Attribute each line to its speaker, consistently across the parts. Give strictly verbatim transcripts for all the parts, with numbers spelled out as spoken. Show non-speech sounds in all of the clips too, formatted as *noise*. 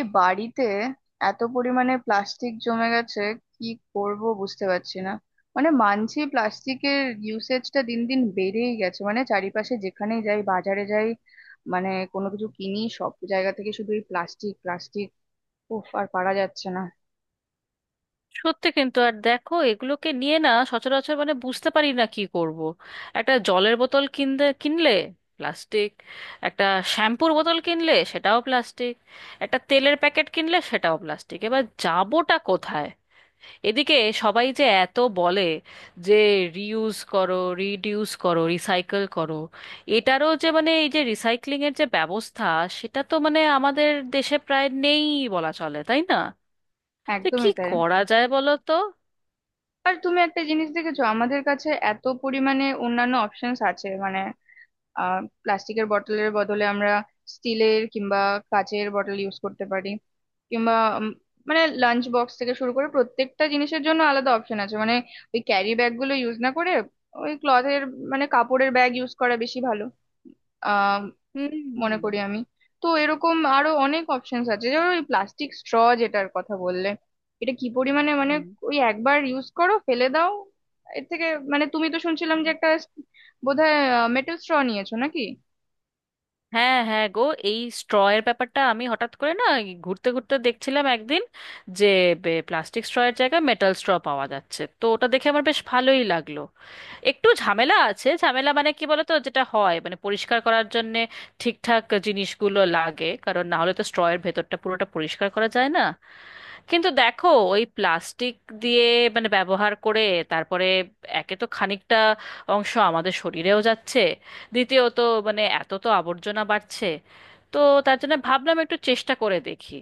Speaker 1: এই বাড়িতে এত পরিমাণে প্লাস্টিক জমে গেছে কি করব বুঝতে পারছি না। মানে, মানছি প্লাস্টিকের ইউসেজটা দিন দিন বেড়েই গেছে, মানে চারিপাশে যেখানেই যাই, বাজারে যাই, মানে কোনো কিছু কিনি, সব জায়গা থেকে শুধু এই প্লাস্টিক প্লাস্টিক। উফ, আর পারা যাচ্ছে না।
Speaker 2: সত্যি কিন্তু। আর দেখো, এগুলোকে নিয়ে না সচরাচর মানে বুঝতে পারি না কি করব। একটা জলের বোতল কিনতে কিনলে প্লাস্টিক, একটা শ্যাম্পুর বোতল কিনলে সেটাও প্লাস্টিক, একটা তেলের প্যাকেট কিনলে সেটাও প্লাস্টিক। এবার যাবোটা কোথায়? এদিকে সবাই যে এত বলে যে রিউজ করো, রিডিউস করো, রিসাইকেল করো, এটারও যে মানে এই যে রিসাইক্লিং এর যে ব্যবস্থা, সেটা তো মানে আমাদের দেশে প্রায় নেই বলা চলে, তাই না? তো কি
Speaker 1: একদমই তাই।
Speaker 2: করা যায় বলো তো?
Speaker 1: আর তুমি একটা জিনিস দেখেছো, আমাদের কাছে এত পরিমাণে অন্যান্য অপশনস আছে। মানে আহ প্লাস্টিকের বটলের বদলে আমরা স্টিলের কিংবা কাচের বটল ইউজ করতে পারি, কিংবা উম, মানে লাঞ্চ বক্স থেকে শুরু করে প্রত্যেকটা জিনিসের জন্য আলাদা অপশন আছে। মানে ওই ক্যারি ব্যাগ গুলো ইউজ না করে ওই ক্লথের মানে কাপড়ের ব্যাগ ইউজ করা বেশি ভালো আহ মনে করি
Speaker 2: হুম।
Speaker 1: আমি। তো এরকম আরো অনেক অপশনস আছে, যেমন ওই প্লাস্টিক স্ট্র, যেটার কথা বললে, এটা কি পরিমাণে মানে
Speaker 2: হুম।
Speaker 1: ওই একবার ইউজ করো ফেলে দাও। এর থেকে মানে তুমি তো শুনছিলাম যে একটা বোধহয় মেটাল স্ট্র নিয়েছো নাকি?
Speaker 2: হ্যাঁ, হ্যাঁ গো, এই স্ট্র এর ব্যাপারটা আমি হঠাৎ করে না এই ঘুরতে ঘুরতে দেখছিলাম একদিন, যে প্লাস্টিক স্ট্র এর জায়গায় মেটাল স্ট্র পাওয়া যাচ্ছে, তো ওটা দেখে আমার বেশ ভালোই লাগলো। একটু ঝামেলা আছে, ঝামেলা মানে কি বলতো, যেটা হয় মানে পরিষ্কার করার জন্য ঠিকঠাক জিনিসগুলো লাগে, কারণ না হলে তো স্ট্র এর ভেতরটা পুরোটা পরিষ্কার করা যায় না। কিন্তু দেখো, ওই প্লাস্টিক দিয়ে মানে ব্যবহার করে তারপরে, একে তো খানিকটা অংশ আমাদের শরীরেও যাচ্ছে, দ্বিতীয়ত মানে এত তো আবর্জনা বাড়ছে, তো তার জন্য ভাবলাম একটু চেষ্টা করে দেখি।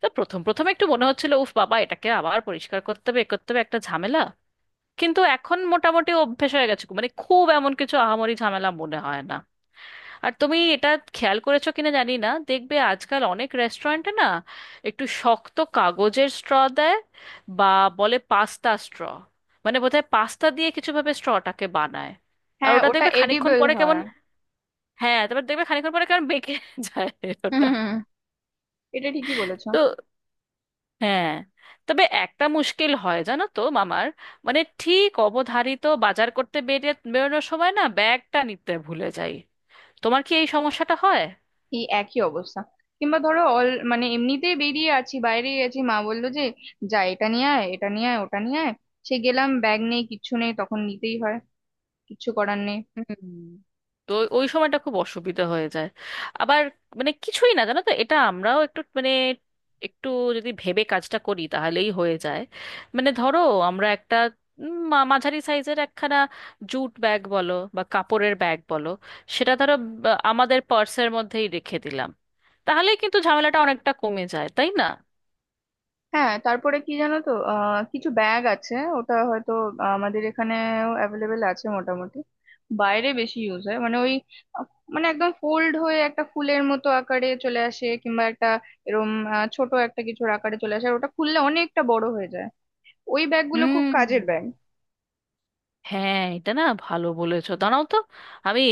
Speaker 2: তো প্রথম প্রথম একটু মনে হচ্ছিল, উফ বাবা, এটাকে আবার পরিষ্কার করতে হবে, এ করতে হবে, একটা ঝামেলা। কিন্তু এখন মোটামুটি অভ্যেস হয়ে গেছে, মানে খুব এমন কিছু আহামরি ঝামেলা মনে হয় না। আর তুমি এটা খেয়াল করেছো কিনা জানি না, দেখবে আজকাল অনেক রেস্টুরেন্টে না একটু শক্ত কাগজের স্ট্র দেয়, বা বলে পাস্তা স্ট্র, মানে বোধহয় পাস্তা দিয়ে কিছু ভাবে স্ট্রটাকে বানায়। আর
Speaker 1: হ্যাঁ,
Speaker 2: ওটা
Speaker 1: ওটা
Speaker 2: দেখবে খানিকক্ষণ
Speaker 1: এডিবল
Speaker 2: পরে
Speaker 1: হয়।
Speaker 2: কেমন, হ্যাঁ, তারপর দেখবে খানিকক্ষণ পরে কেমন বেঁকে *laughs* যায়
Speaker 1: হুম
Speaker 2: ওটা।
Speaker 1: হুম, হুম, এটা ঠিকই বলেছো।
Speaker 2: তো হ্যাঁ, তবে একটা মুশকিল হয় জানো তো মামার, মানে ঠিক অবধারিত বাজার করতে বেরিয়ে বেরোনোর সময় না ব্যাগটা নিতে ভুলে যাই। তোমার কি এই সমস্যাটা হয়?
Speaker 1: এই একই অবস্থা। কিংবা ধরো অল মানে এমনিতেই বেরিয়ে আছি, বাইরে আছি, মা বললো যে যা এটা নিয়ে আয়, এটা নিয়ে আয়, ওটা নিয়ে আয়। সে গেলাম, ব্যাগ নেই, কিচ্ছু নেই, তখন নিতেই হয়, কিচ্ছু করার নেই।
Speaker 2: হুম। তো ওই ওই সময়টা খুব অসুবিধা হয়ে যায়। আবার মানে কিছুই না জানো তো, এটা আমরাও একটু মানে একটু যদি ভেবে কাজটা করি তাহলেই হয়ে যায়। মানে ধরো, আমরা একটা উম, মা- মাঝারি সাইজের একখানা জুট ব্যাগ বলো বা কাপড়ের ব্যাগ বলো, সেটা ধরো বা, আমাদের পার্সের মধ্যেই রেখে দিলাম, তাহলে কিন্তু ঝামেলাটা অনেকটা কমে যায়, তাই না?
Speaker 1: হ্যাঁ, তারপরে কি জানো তো আহ কিছু ব্যাগ আছে, ওটা হয়তো আমাদের এখানেও অ্যাভেলেবেল আছে মোটামুটি, বাইরে বেশি ইউজ হয়। মানে ওই আহ, মানে একদম ফোল্ড হয়ে একটা ফুলের মতো আকারে চলে আসে, কিংবা একটা এরম আহ, ছোট একটা কিছুর আকারে চলে আসে, আর ওটা খুললে অনেকটা বড় হয়ে যায়। ওই ব্যাগগুলো খুব
Speaker 2: হুম।
Speaker 1: কাজের ব্যাগ।
Speaker 2: হ্যাঁ, এটা না ভালো বলেছো, দাঁড়াও তো, আমি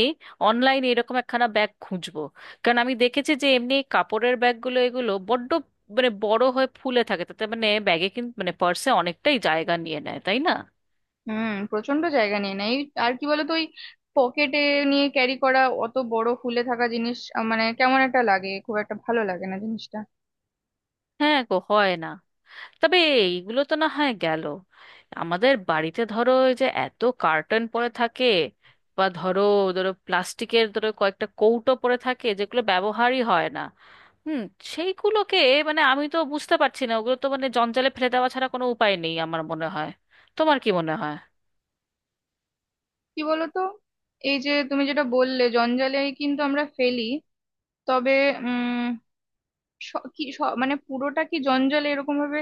Speaker 2: অনলাইনে এরকম একখানা ব্যাগ খুঁজবো। কারণ আমি দেখেছি যে এমনি কাপড়ের ব্যাগগুলো, এগুলো বড্ড মানে বড় হয়ে ফুলে থাকে, তাতে মানে ব্যাগে কিন্তু মানে পার্সে অনেকটাই জায়গা নিয়ে নেয়, তাই না?
Speaker 1: হুম, প্রচন্ড জায়গা নিয়ে নেয় এই। আর কি বলতো ওই পকেটে নিয়ে ক্যারি করা অত বড় ফুলে থাকা জিনিস আহ, মানে কেমন একটা লাগে, খুব একটা ভালো লাগে না জিনিসটা।
Speaker 2: হ্যাঁ গো, হয় না। তবে এইগুলো তো না হয় গেল, আমাদের বাড়িতে ধরো ওই যে এত কার্টন পরে থাকে, বা ধরো, ধরো প্লাস্টিকের ধরো কয়েকটা কৌটো পরে থাকে যেগুলো ব্যবহারই হয় না। হুম। সেইগুলোকে মানে আমি তো বুঝতে পারছি না, ওগুলো তো মানে জঞ্জালে ফেলে দেওয়া ছাড়া কোনো উপায় নেই আমার মনে হয়। তোমার কি মনে হয়?
Speaker 1: কি বলতো, এই যে তুমি যেটা বললে জঞ্জালে কিন্তু আমরা ফেলি, তবে উম স- কি স- মানে পুরোটা কি জঞ্জালে এরকম ভাবে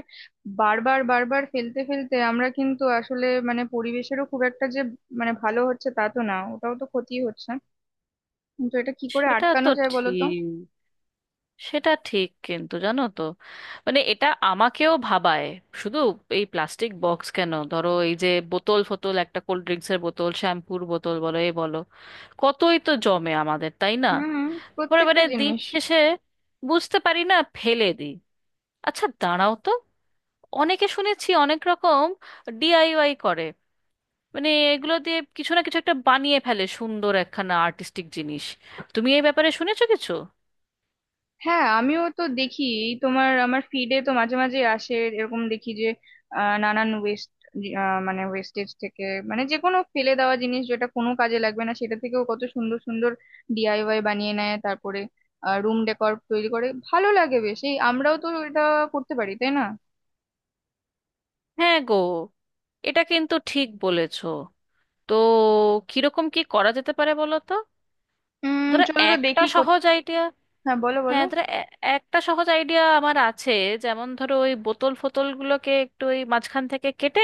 Speaker 1: বারবার বারবার ফেলতে ফেলতে আমরা কিন্তু আসলে মানে পরিবেশেরও খুব একটা যে মানে ভালো হচ্ছে তা তো না, ওটাও তো ক্ষতি হচ্ছে। কিন্তু এটা কি করে
Speaker 2: সেটা
Speaker 1: আটকানো
Speaker 2: তো
Speaker 1: যায় বলতো?
Speaker 2: ঠিক, সেটা ঠিক, কিন্তু জানো তো মানে এটা আমাকেও ভাবায়। শুধু এই প্লাস্টিক বক্স কেন, ধরো এই যে বোতল ফোতল, একটা কোল্ড ড্রিঙ্কসের বোতল, শ্যাম্পুর বোতল বলো, এ বলো, কতই তো জমে আমাদের, তাই না?
Speaker 1: হুম,
Speaker 2: পরে
Speaker 1: প্রত্যেকটা
Speaker 2: মানে দিন
Speaker 1: জিনিস।
Speaker 2: শেষে বুঝতে পারি না, ফেলে দিই। আচ্ছা দাঁড়াও তো, অনেকে শুনেছি অনেক রকম ডিআইওয়াই করে, মানে এগুলো দিয়ে কিছু না কিছু একটা বানিয়ে ফেলে সুন্দর একখানা আর্টিস্টিক জিনিস। তুমি এই ব্যাপারে শুনেছো কিছু?
Speaker 1: হ্যাঁ, আমিও তো দেখি, এই তোমার আমার ফিডে তো মাঝে মাঝে আসে, এরকম দেখি যে আহ, নানান ওয়েস্ট মানে ওয়েস্টেজ থেকে, মানে যে কোনো ফেলে দেওয়া জিনিস যেটা কোনো কাজে লাগবে না, সেটা থেকেও কত সুন্দর সুন্দর ডিআইওয়াই বানিয়ে নেয়। তারপরে রুম ডেকর তৈরি করে, ভালো লাগে বেশ। এই আমরাও তো এটা করতে পারি তাই না?
Speaker 2: হ্যাঁ গো, এটা কিন্তু ঠিক বলেছো। তো কিরকম কি করা যেতে পারে বলো তো?
Speaker 1: উম
Speaker 2: ধরো
Speaker 1: চলো তো
Speaker 2: একটা
Speaker 1: দেখি কোথ-
Speaker 2: সহজ আইডিয়া,
Speaker 1: হ্যাঁ, বলো বলো।
Speaker 2: হ্যাঁ ধরো, এ- একটা সহজ আইডিয়া আমার আছে। যেমন ধরো ওই বোতল ফোতল গুলোকে একটু ওই মাঝখান থেকে কেটে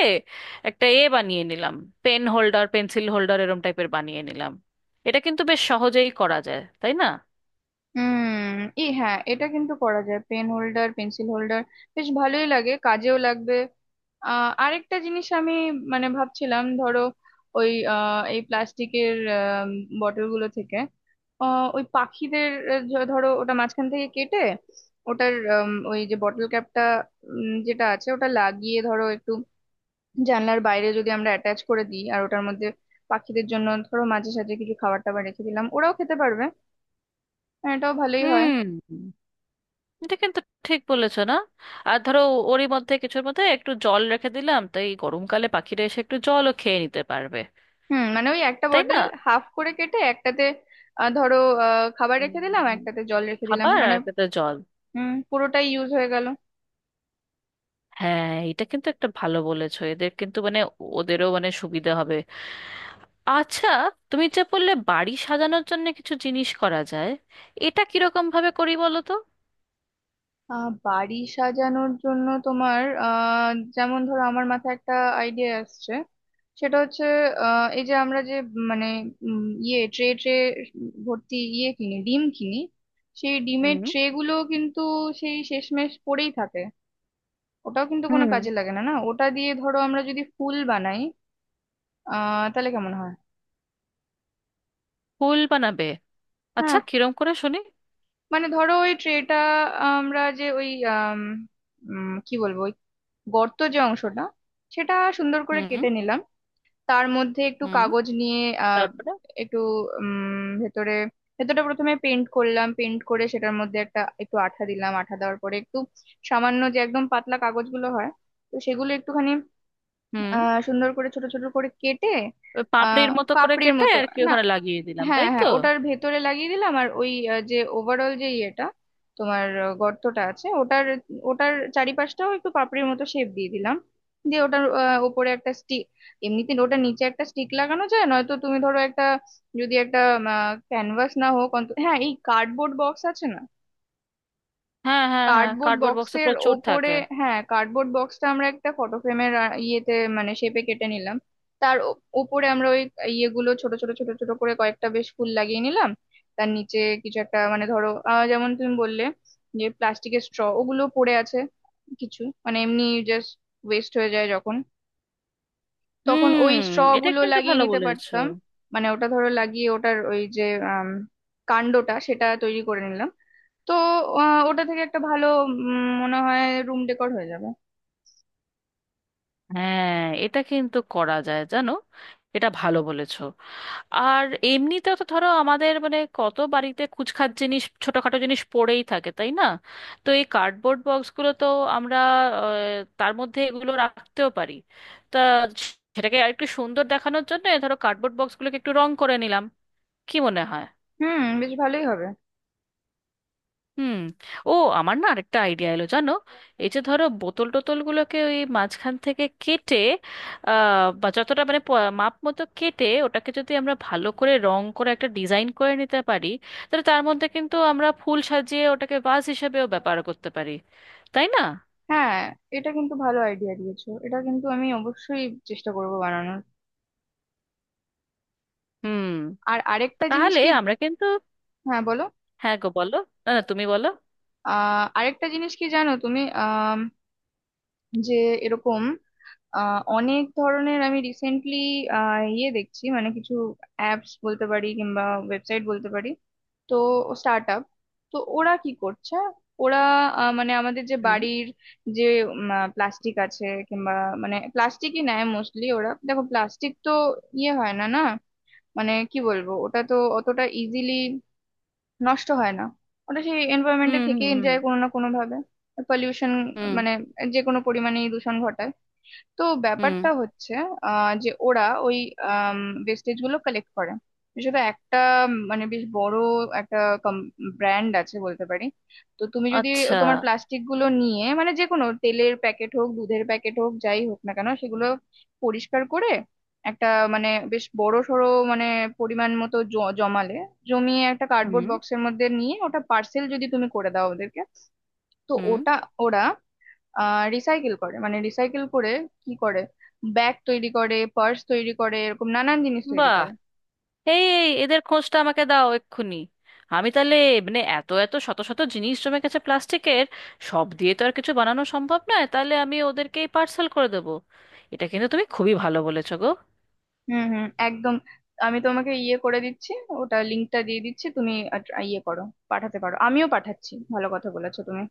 Speaker 2: একটা এ বানিয়ে নিলাম, পেন হোল্ডার, পেন্সিল হোল্ডার, এরম টাইপের বানিয়ে নিলাম। এটা কিন্তু বেশ সহজেই করা যায়, তাই না?
Speaker 1: হুম, এই হ্যাঁ, এটা কিন্তু করা যায়, পেন হোল্ডার পেন্সিল হোল্ডার, বেশ ভালোই লাগে, কাজেও লাগবে। আহ আরেকটা জিনিস আমি মানে ভাবছিলাম, ধরো ওই আহ, এই প্লাস্টিকের বটল গুলো থেকে আহ, ওই পাখিদের আহ, য- ধরো ওটা মাঝখান থেকে কেটে ওটার উম, ওই যে বটল ক্যাপটা যেটা আছে ওটা লাগিয়ে, ধরো একটু জানলার বাইরে যদি আমরা অ্যাটাচ করে দিই, আর ওটার মধ্যে পাখিদের জন্য ধরো মাঝে সাঝে কিছু খাবার টাবার রেখে দিলাম, ওরাও খেতে পারবে। আহ, এটাও ভালোই হয়।
Speaker 2: হুম। এটা কিন্তু ঠিক বলেছো না। আর ধরো ওরই মধ্যে কিছুর মধ্যে একটু জল রেখে দিলাম, তাই গরমকালে পাখিরা এসে একটু জলও খেয়ে নিতে পারবে,
Speaker 1: হুম, মানে ওই একটা
Speaker 2: তাই
Speaker 1: বটল
Speaker 2: না?
Speaker 1: হাফ করে কেটে, একটাতে আহ, ধরো আহ, খাবার রেখে দিলাম,
Speaker 2: উম,
Speaker 1: একটাতে জল রেখে দিলাম,
Speaker 2: খাবার
Speaker 1: মানে
Speaker 2: আর খেতে জল।
Speaker 1: হুম, পুরোটাই ইউজ হয়ে গেল।
Speaker 2: হ্যাঁ এটা কিন্তু একটা ভালো বলেছো, এদের কিন্তু মানে ওদেরও মানে সুবিধা হবে। আচ্ছা তুমি যে বললে বাড়ি সাজানোর জন্য কিছু জিনিস করা যায়, এটা কিরকম ভাবে করি বলো তো?
Speaker 1: আহ বাড়ি সাজানোর জন্য তোমার আহ যেমন ধরো আমার মাথায় একটা আইডিয়া আসছে, সেটা হচ্ছে আহ এই যে আমরা যে মানে উম, ইয়ে ট্রে ট্রে ভর্তি ইয়ে কিনি, ডিম কিনি, সেই ডিমের
Speaker 2: হুম।
Speaker 1: ট্রে গুলো কিন্তু সেই শেষমেশ পড়েই থাকে। ওটাও কিন্তু কোনো
Speaker 2: হুম।
Speaker 1: কাজে লাগে না। না, ওটা দিয়ে ধরো আমরা যদি ফুল বানাই আহ তাহলে কেমন হয়?
Speaker 2: ফুল বানাবে? আচ্ছা
Speaker 1: হ্যাঁ,
Speaker 2: কিরম করে শুনি।
Speaker 1: মানে ধরো ওই ট্রেটা আমরা যে ওই আম, উম, কি বলবো, ওই গর্ত যে অংশটা সেটা সুন্দর করে
Speaker 2: হুম।
Speaker 1: কেটে নিলাম, তার মধ্যে একটু
Speaker 2: হুম।
Speaker 1: কাগজ নিয়ে আহ
Speaker 2: তারপরে?
Speaker 1: একটু উম ভেতরে, ভেতরটা প্রথমে পেন্ট করলাম, পেন্ট করে সেটার মধ্যে একটা একটু আঠা দিলাম, আঠা দেওয়ার পরে একটু সামান্য যে একদম পাতলা কাগজগুলো হয়, তো সেগুলো একটুখানি
Speaker 2: হুম।
Speaker 1: আহ সুন্দর করে ছোট ছোট করে কেটে
Speaker 2: ওই
Speaker 1: আহ
Speaker 2: পাপড়ির মতো করে
Speaker 1: পাপড়ির
Speaker 2: কেটে
Speaker 1: মতো,
Speaker 2: আর কি
Speaker 1: না,
Speaker 2: ওখানে লাগিয়ে দিলাম,
Speaker 1: হ্যাঁ
Speaker 2: তাই তো?
Speaker 1: হ্যাঁ ওটার ভেতরে লাগিয়ে দিলাম। আর ওই আহ, যে ওভারঅল যে ইয়েটা তোমার আহ, গর্তটা আছে ওটার, ওটার চারিপাশটাও একটু পাপড়ির মতো শেপ দিয়ে দিলাম। দিয়ে ওটার আহ, ওপরে একটা স্টিক, এমনিতে ওটার নিচে একটা স্টিক লাগানো যায়, নয়তো তুমি ধরো একটা যদি একটা ক্যানভাস না হোক অন্তত হ্যাঁ এই কার্ডবোর্ড বক্স আছে না,
Speaker 2: হ্যাঁ হ্যাঁ হ্যাঁ,
Speaker 1: কার্ডবোর্ড
Speaker 2: কার্ডবোর্ড বক্সে
Speaker 1: বক্সের
Speaker 2: প্রচুর
Speaker 1: ওপরে,
Speaker 2: থাকে।
Speaker 1: হ্যাঁ কার্ডবোর্ড বক্সটা আমরা একটা ফটো ফ্রেমের ইয়েতে মানে শেপে কেটে নিলাম, তার ও- ওপরে আমরা ওই ইয়েগুলো ছোট ছোট ছোট ছোট করে কয়েকটা বেশ ফুল লাগিয়ে নিলাম। তার নিচে কিছু একটা মানে ধরো আহ, যেমন তুমি বললে যে প্লাস্টিকের স্ট্র ওগুলো পড়ে আছে কিছু, মানে এমনি জাস্ট ওয়েস্ট হয়ে যায় যখন, তখন ওই
Speaker 2: হুম।
Speaker 1: স্ট্র
Speaker 2: এটা
Speaker 1: গুলো
Speaker 2: কিন্তু
Speaker 1: লাগিয়ে
Speaker 2: ভালো
Speaker 1: নিতে
Speaker 2: বলেছো।
Speaker 1: পারতাম, মানে ওটা ধরো লাগিয়ে ওটার ওই যে আম, কাণ্ডটা সেটা তৈরি করে নিলাম। তো আহ, ওটা থেকে একটা ভালো উম, মনে হয় রুম ডেকোর হয়ে যাবে।
Speaker 2: হ্যাঁ, এটা কিন্তু করা যায় জানো, এটা ভালো বলেছো। আর এমনিতে তো ধরো আমাদের মানে কত বাড়িতে কুচখাট জিনিস, ছোটখাটো জিনিস পড়েই থাকে, তাই না? তো এই কার্ডবোর্ড বক্সগুলো তো আমরা আহ, তার মধ্যে এগুলো রাখতেও পারি। তা সেটাকে আরেকটু সুন্দর দেখানোর জন্য ধরো কার্ডবোর্ড বক্সগুলোকে একটু রং করে নিলাম, কি মনে হয়?
Speaker 1: হুম, বেশ ভালোই হবে।
Speaker 2: হুম। ও, আমার না আরেকটা আইডিয়া এলো জানো। এই যে ধরো বোতল টোতলগুলোকে ওই মাঝখান থেকে কেটে আহ, বা যতটা মানে প- মাপ মতো কেটে ওটাকে যদি আমরা ভালো করে রং করে একটা ডিজাইন করে নিতে পারি, তাহলে তার মধ্যে কিন্তু আমরা ফুল সাজিয়ে ওটাকে ভাস হিসেবেও ব্যবহার করতে পারি, তাই না?
Speaker 1: হ্যাঁ, এটা কিন্তু ভালো আইডিয়া দিয়েছো, এটা কিন্তু আমি অবশ্যই চেষ্টা করব বানানোর।
Speaker 2: হুম।
Speaker 1: আর আরেকটা জিনিস
Speaker 2: তাহলে
Speaker 1: কি,
Speaker 2: আমরা কিন্তু,
Speaker 1: হ্যাঁ বলো,
Speaker 2: হ্যাঁ গো বলো, না না তুমি বলো।
Speaker 1: আহ আরেকটা জিনিস কি জানো তুমি আহ যে এরকম আহ, অনেক ধরনের আমি রিসেন্টলি ইয়ে দেখছি, মানে কিছু অ্যাপস বলতে পারি কিংবা ওয়েবসাইট বলতে পারি, তো স্টার্ট আপ, তো ওরা কি করছে, ওরা আহ, মানে আমাদের যে
Speaker 2: হুম।
Speaker 1: বাড়ির যে প্লাস্টিক আছে, কিংবা মানে প্লাস্টিকই নেয় মোস্টলি ওরা, দেখো প্লাস্টিক তো ইয়ে হয় না, না মানে কি বলবো, ওটা তো অতটা ইজিলি নষ্ট হয় না, ওটা সেই এনভায়রনমেন্টে
Speaker 2: হুম। হুম।
Speaker 1: থেকেই
Speaker 2: হুম।
Speaker 1: যায় কোনো না কোনো ভাবে, পলিউশন
Speaker 2: হুম।
Speaker 1: মানে যে কোনো পরিমাণে দূষণ ঘটায়। তো
Speaker 2: হুম।
Speaker 1: ব্যাপারটা হচ্ছে আহ, যে ওরা ওই ওয়েস্টেজ গুলো কালেক্ট করে, সেটা একটা উম, মানে বেশ বড় একটা ব্র্যান্ড আছে বলতে পারি। তো তুমি যদি
Speaker 2: আচ্ছা।
Speaker 1: তোমার প্লাস্টিক গুলো নিয়ে, মানে যে কোনো তেলের প্যাকেট হোক, দুধের প্যাকেট হোক, যাই হোক না কেন, সেগুলো পরিষ্কার করে একটা মানে বেশ বড় সড়ো মানে পরিমাণ মতো জ- জমালে, জমিয়ে একটা
Speaker 2: হুম।
Speaker 1: কার্ডবোর্ড বক্সের মধ্যে নিয়ে ওটা পার্সেল যদি তুমি করে দাও ওদেরকে, তো
Speaker 2: হুম।
Speaker 1: ওটা ওরা রিসাইকেল করে, মানে রিসাইকেল করে কি করে, ব্যাগ তৈরি করে, পার্স তৈরি করে, এরকম নানান জিনিস তৈরি
Speaker 2: বাহ,
Speaker 1: করে।
Speaker 2: এই এই এদের খোঁজটা আমাকে দাও এক্ষুনি। আমি তাহলে, মানে এত এত শত শত জিনিস জমে গেছে প্লাস্টিকের, সব দিয়ে তো আর কিছু বানানো সম্ভব নয়, তাহলে আমি ওদেরকেই পার্সেল করে দেবো। এটা কিন্তু তুমি খুবই ভালো বলেছো গো।
Speaker 1: হুম হুম, একদম। আমি তোমাকে ইয়ে করে দিচ্ছি, ওটা লিঙ্কটা দিয়ে দিচ্ছি, তুমি আট- ইয়ে করো, পাঠাতে পারো, আমিও পাঠাচ্ছি। ভালো কথা বলেছো তুমি।